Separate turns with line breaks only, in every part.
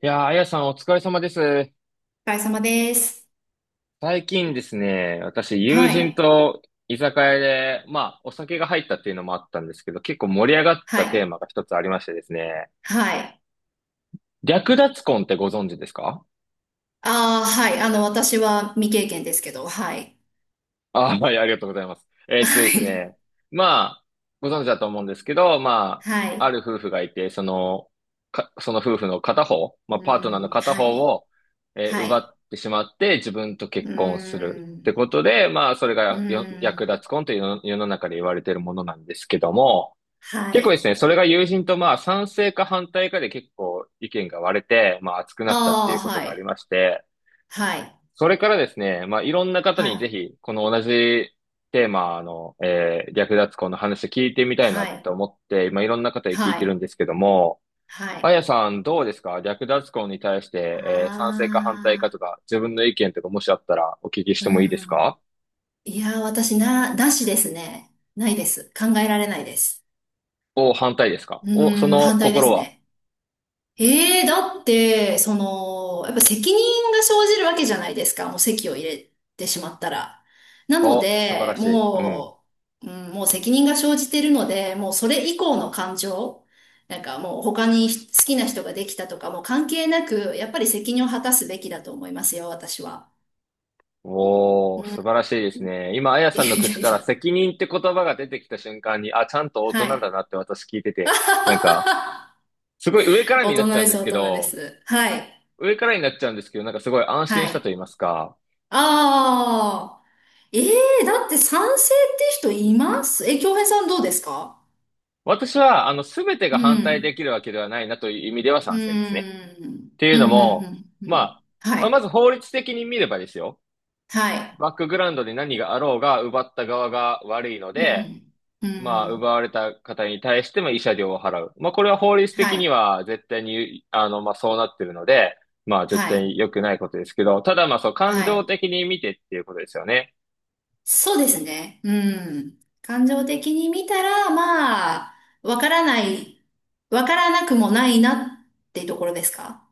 いやー、あやさんお疲れ様です。
お疲れ様です。
最近ですね、私友
は
人
い。
と居酒屋で、まあお酒が入ったっていうのもあったんですけど、結構盛り上がっ
は
たテー
い。
マが一つありましてですね、
はい。
略奪婚ってご存知ですか？
ああ、はい。あの、私は未経験ですけど、はい。
あ、はい、ありがとうございます。
は
です
い。
ね。まあ、ご存知だと思うんですけど、ま
は
あ、あ
い。
る夫婦がいて、その夫婦の片方、まあ、
う
パートナーの
ん、
片
は
方
い。
を、
は
奪
い。
ってしまって、自分と結
う
婚するって
ん、
ことで、まあ、それ
う
がよ略
ん、
奪婚というの世の中で言われているものなんですけども、
は
結構で
い。
すね、それが友人とまあ、賛成か反対かで結構意見が割れて、まあ、熱くなったって
あ
い
あ、
うこと
は
があり
い。
まして、
はい。
それからですね、まあ、いろんな方
は
にぜ
い。
ひ、この同じテーマの、略奪婚の話聞いてみたい
は
な
い。
と思って、今いろんな方に聞い
は
てるん
い。
ですけども、
は
あ
い。
やさんどうですか？略奪婚に対して、賛成か反対か
あ
とか、自分の意見とかもしあったらお聞きし
あ、う
てもいいです
ん。
か？
いやー、なしですね。ないです。考えられないです。
お、反対ですか？
う
お、そ
ーん、
の
反対で
心
す
は？
ね。ええ、だって、その、やっぱ責任が生じるわけじゃないですか。もう籍を入れてしまったら。なの
お、素晴
で、
らしい。うん。
もう、うん、もう責任が生じているので、もうそれ以降の感情、なんかもう他に好きな人ができたとかもう関係なく、やっぱり責任を果たすべきだと思いますよ、私は。う
おー、
ん。い
素晴らしいですね。今、あや
や
さんの
いや
口か
い
ら
や。
責任って言葉が出てきた瞬間に、あ、ちゃんと大
は
人だ
い。
なって私聞いてて、なんか、すごい上か ら
大
にな
人
っちゃう
で
んで
す、
す
大
け
人で
ど、
す。はい。
上からになっちゃうんですけど、なんかすごい安
は
心したと
い。
言いますか、
ああ。ええ、だって賛成って人います？京平さんどうですか？
私は、すべて
う
が反対で
ん。
きるわけではないなという意味では
う
賛成ですね。
ん。
っていう
うん、
の
う
も、
ん、うん、う
ま
ん。
あ、
は
まあま
い。
ず法律的に見ればですよ。
はい。
バックグラウンドで何があろうが、奪った側が悪いの
う
で、
ん。う
まあ、
ん。
奪われた方に対しても慰謝料を払う。まあ、これは法律
は
的に
い。
は絶対に、まあ、そうなってるので、まあ、絶
は
対
い。
に良くないことですけど、ただまあ、そう、感
は
情
い。
的に見てっていうことですよね。
そうですね。うん。感情的に見たら、まあ、わからない、わからなくもないなってところですか？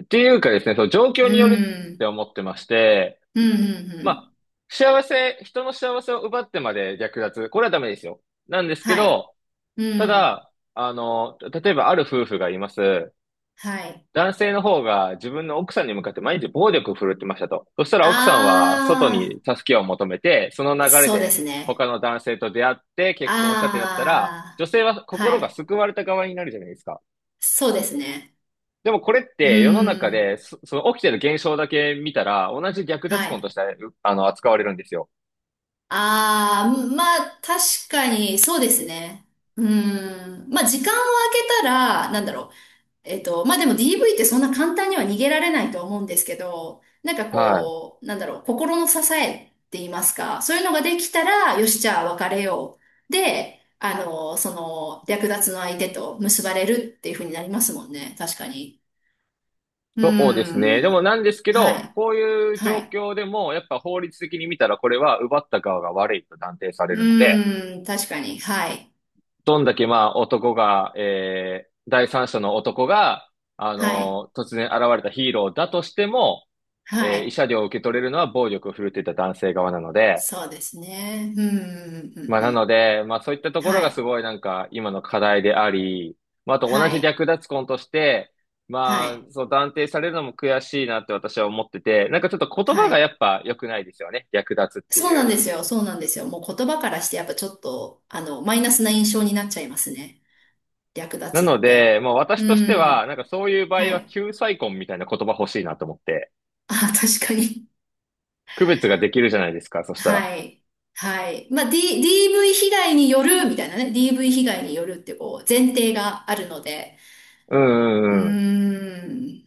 っていうかですね、その状況
う
によるって
ん。
思ってまして、
うん、うん、う
ま
ん。
あ、人の幸せを奪ってまで略奪、これはダメですよ。なんですけ
はい。
ど、
う
た
ん。
だ、例えばある夫婦がいます。
はい。
男性の方が自分の奥さんに向かって毎日暴力を振るってましたと。そしたら奥さんは外
あ
に助けを求めて、その
あ、
流れ
そうで
で
す
他
ね。
の男性と出会って結婚したってなったら、
あ
女性は
あ、
心
は
が
い。
救われた側になるじゃないですか。
そうですね。
でもこれっ
う
て世の中
ーん。
でその起きてる現象だけ見たら、同じ略
は
奪婚と
い。
してうあの扱われるんですよ。
ああ、まあ、確かに、そうですね。うん。まあ、時間を空けたら、なんだろう。まあでも DV ってそんな簡単には逃げられないと思うんですけど、なんか
はい。
こう、なんだろう、心の支えって言いますか、そういうのができたら、よし、じゃあ別れよう。で、あの、その、略奪の相手と結ばれるっていう風になりますもんね。確かに。うー
そうですね。でも
ん。
なんですけ
は
ど、
い。
こういう
は
状
い。
況でも、やっぱ法律的に見たら、これは奪った側が悪いと断定され
う
るので、
ーん。確かに。はい。
どんだけまあ男が、えー、第三者の男が、あ
はい。
の突然現れたヒーローだとしても、
は
慰
い。
謝料を受け取れるのは暴力を振るっていた男性側なので、
そうですね。うん。うんう
まあ、
んう
なの
ん
で、まあ、そういったところ
は
がす
い。
ごいなんか、今の課題であり、まあ、あと同
は
じ
い。
略奪婚として、
は
ま
い。
あ、そう断定されるのも悔しいなって私は思ってて、なんかちょっと言
は
葉がや
い。
っぱ良くないですよね。略奪って
そう
い
なん
う。
ですよ。そうなんですよ。もう言葉からしてやっぱちょっと、あの、マイナスな印象になっちゃいますね。略
な
奪っ
の
て。
で、まあ、私
う
としては、
ん。
なんかそういう場
は
合は
い。
救済婚みたいな言葉欲しいなと思って、
あ、確かに。
区別ができるじゃないですか、そしたら。
はい。はい。まあ、DV 被害によるみたいなね。DV 被害によるってこう、前提があるので。
うん
うー
うんうん。
ん。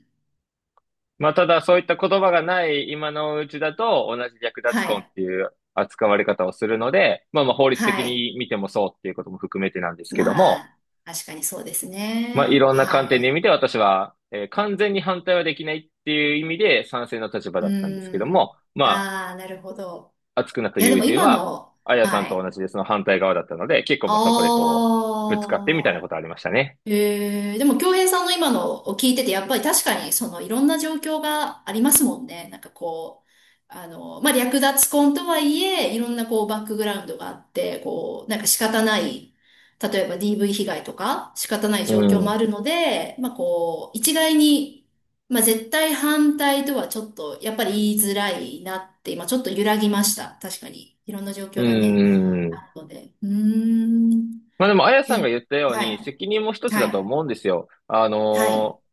まあ、ただそういった言葉がない今のうちだと同じ略
は
奪婚っ
い。
ていう扱われ方をするので、まあまあ法律
は
的
い。
に見てもそうっていうことも含めてなんですけど
ま
も、
あ、確かにそうです
まあい
ね。
ろんな観
は
点で見
い。
て私は、完全に反対はできないっていう意味で賛成の立場
う
だったんですけど
ー
も、
ん。
ま
ああ、なるほど。
あ熱くなった
いや、で
友
も
人
今
は、
の、
あやさん
は
と
い。
同じでその反対側だったので、結構まあそこで
あ
こう、ぶつかってみたいなこ
あ。
とありましたね。
でも、京平さんの今のを聞いてて、やっぱり確かに、その、いろんな状況がありますもんね。なんかこう、あの、まあ、略奪婚とはいえ、いろんなこう、バックグラウンドがあって、こう、なんか仕方ない、例えば DV 被害とか、仕方ない
う
状況もあ
ん。
るので、まあ、こう、一概に、まあ、絶対反対とはちょっと、やっぱり言いづらいなって、今ちょっと揺らぎました。確かに。いろんな状
う
況
ー
がね、
ん。
あるので。うーん。
まあでも、あやさん
え、
が言ったよう
は
に、
い。
責任も一つ
は
だと
い。
思うんですよ。
はい。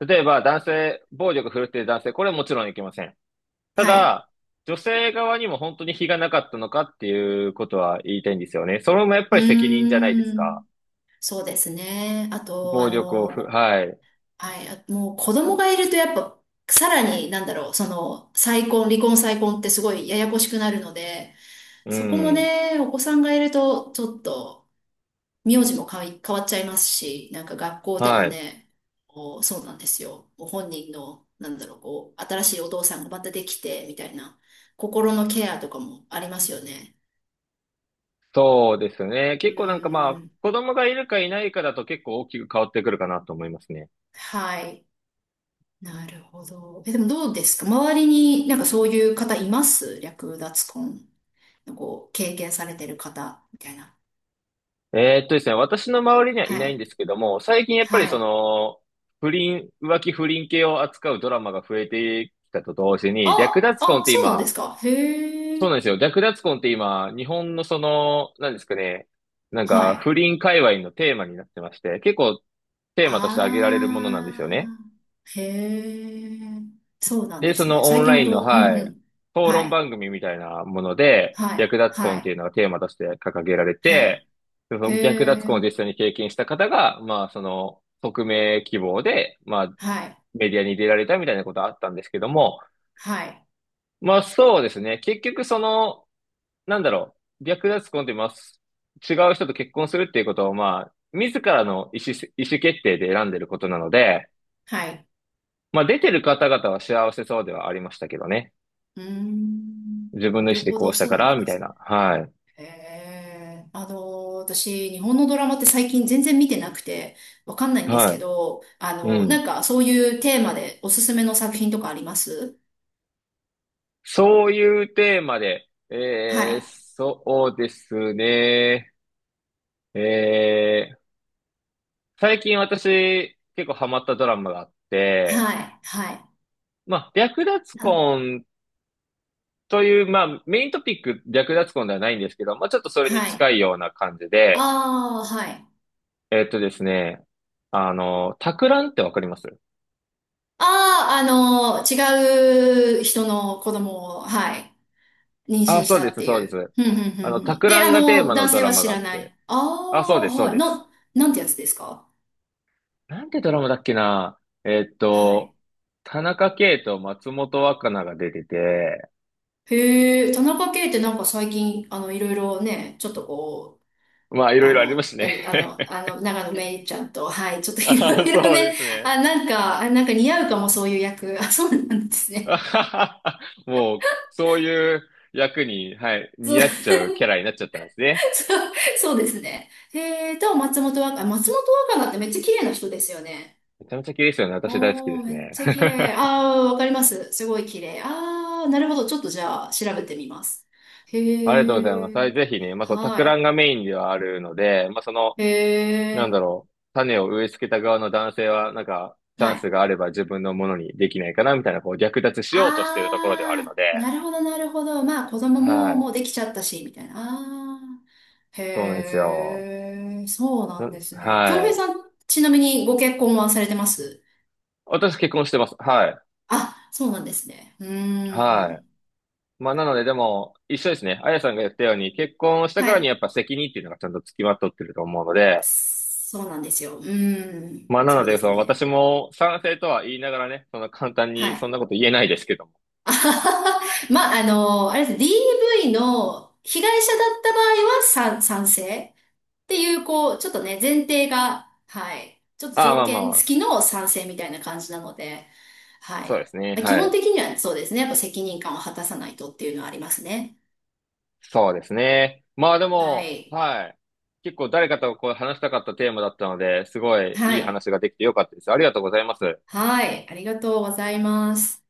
例えば男性、暴力振るっている男性、これはもちろんいけません。た
はい。
だ、女性側にも本当に非がなかったのかっていうことは言いたいんですよね。それもやっぱ
う
り責任じゃないです
ー
か。
ん。そうですね。あと、あ
暴力を
の、
ふ、
もう、
はい。
はい。あ、もう子供がいるとやっぱ、さらに、なんだろう、その、再婚、離婚再婚ってすごいややこしくなるので、
う
そこも
ん。
ね、お子さんがいると、ちょっと、名字も変わっちゃいますし、なんか学校での
はい。
ね、こう、そうなんですよ。ご本人の、なんだろう、こう、新しいお父さんがまたできて、みたいな、心のケアとかもありますよね。
そうですね。
う
結構なんかま
ー
あ、
ん。
子供がいるかいないかだと結構大きく変わってくるかなと思いますね。
はい。なるほど。え、でもどうですか？周りになんかそういう方います？略奪婚。こう、経験されてる方、みたいな。
ですね、私の周りにはい
は
ないん
い。
ですけども、最近やっぱ
は
り
い。
浮気不倫系を扱うドラマが増えてきたと同時に、略奪婚って
そうなんで
今、
すか？へ
そう
え。
なんですよ。略奪婚って今、日本のその、なんですかね、なん
は
か
い。
不倫界隈のテーマになってまして、結構テーマとして挙げられるものなんですよね。
あー。へえ。そうなん
で、
で
そ
す
の
ね。
オ
最
ン
近
ラ
ほ
インの、
ど、うん
は
う
い、
ん。
討
は
論
い。
番組みたいなもので、
はい。
略奪婚
は
ってい
い。
うのがテーマとして掲げられ
はい。
て、そ
へ
の略奪婚を実
え。
際に経験した方が、まあ、匿名希望で、まあ、
はい。
メディアに出られたみたいなことはあったんですけども、
はい。
まあそうですね。結局その、なんだろう、略奪婚ってます。違う人と結婚するっていうことを、まあ、自らの意思決定で選んでることなので、
はい。
まあ、出てる方々は幸せそうではありましたけどね。
うーん。
自分
な
の意思
る
で
ほ
こ
ど、
うしたか
そうな
ら、
ん
み
で
たい
すね。
な。は
へえ、あの、私、日本のドラマって最近全然見てなくて、わかんない
い。
んですけ
は
ど、あ
い。う
の、な
ん。
んかそういうテーマでおすすめの作品とかあります？
そういうテーマで、
はい、
そうですね。えー、最近私、結構ハマったドラマがあって、
はい、はい、
まあ、略奪
な
婚という、まあ、メイントピック略奪婚ではないんですけど、まあ、ちょっとそれに
は
近
い。
いような感じで、
ああ、はい。
ですね、タクランってわかります？
ああ、あの、違う人の子供を、はい、妊娠
あ、
し
そう
た
で
っ
す、
て
そう
い
で
う。
す。
ふんふんふんふ
タ
ん。
ク
で、
ラ
あ
ンがテー
の、
マの
男
ド
性
ラ
は
マ
知
があ
ら
っ
な
て、
い。あ
あ、そう
あ、
です、そう
はい。
です。
なんてやつですか？
なんてドラマだっけな？えっ
は
と、
い。
田中圭と松本若菜が出てて、
へえ、田中圭ってなんか最近、あの、いろいろね、ちょっとこう、
まあ、いろ
あ
いろありま
の、
す
あ
ね。
れあの、あの、長野めいちゃんと、はい、ちょっと いろ
あ、
いろ
そうで
ね、
すね。
あ、なんか似合うかも、そういう役。あ、そうなんです ね。
あははは、もう、そういう役に、はい、
そ
似
う、
合
そ
っちゃうキャラになっちゃったんですね。
う、そうですね。へえ、と、松本若菜ってめっちゃ綺麗な人ですよね。
めちゃめちゃ綺麗ですよね。私大好き
お
で
ー、
す
めっ
ね。
ちゃ綺麗。あー、わかります。すごい綺麗。あー、なるほど。ちょっとじゃあ、調べてみます。
ありがとうございま
へ
す。
え、
はい、ぜひね、まあ、その、たく
はい。
んがメインではあるので、まあ、その、
へ
なんだ
え、
ろう、種を植え付けた側の男性は、なんか、チ
は
ャンス
い。
があれば自分のものにできないかな、みたいな、こう、略奪しようとしているところではある
あ
の
あ、
で、
なるほど、なるほど。まあ、子供
は
も
い。
もうできちゃったし、みたいな。ああ、
そうなんです
へ
よ。
え、そうなんで
ん
すね。
は
京平
い。
さん、ちなみにご結婚はされてます？
私結婚してます。はい。
あ、そうなんですね。うー
は
ん。
い。まあ、なので、でも、一緒ですね。あやさんが言ったように、結婚した
は
からにや
い。
っぱ責任っていうのがちゃんと付きまとってると思うので、
そうなんですよ。うーん。
まあ、なの
そうで
で、そ
す
の私
ね。
も賛成とは言いながらね、その簡単
は
にそん
い。
なこと言えないですけども。
あははは。まあ、あの、あれですね。DV の被害者だった場合は賛成っていう、こう、ちょっとね、前提が、はい。ちょっと
ああ、ま
条
あ
件
まあ、
付きの賛成みたいな感じなので、はい。
そうですね。
まあ基
は
本
い。
的にはそうですね。やっぱ責任感を果たさないとっていうのはありますね。
そうですね。まあで
は
も、
い。
はい。結構誰かとこう話したかったテーマだったので、すごい
は
いい
い。
話ができてよかったです。ありがとうございます。
はい。ありがとうございます。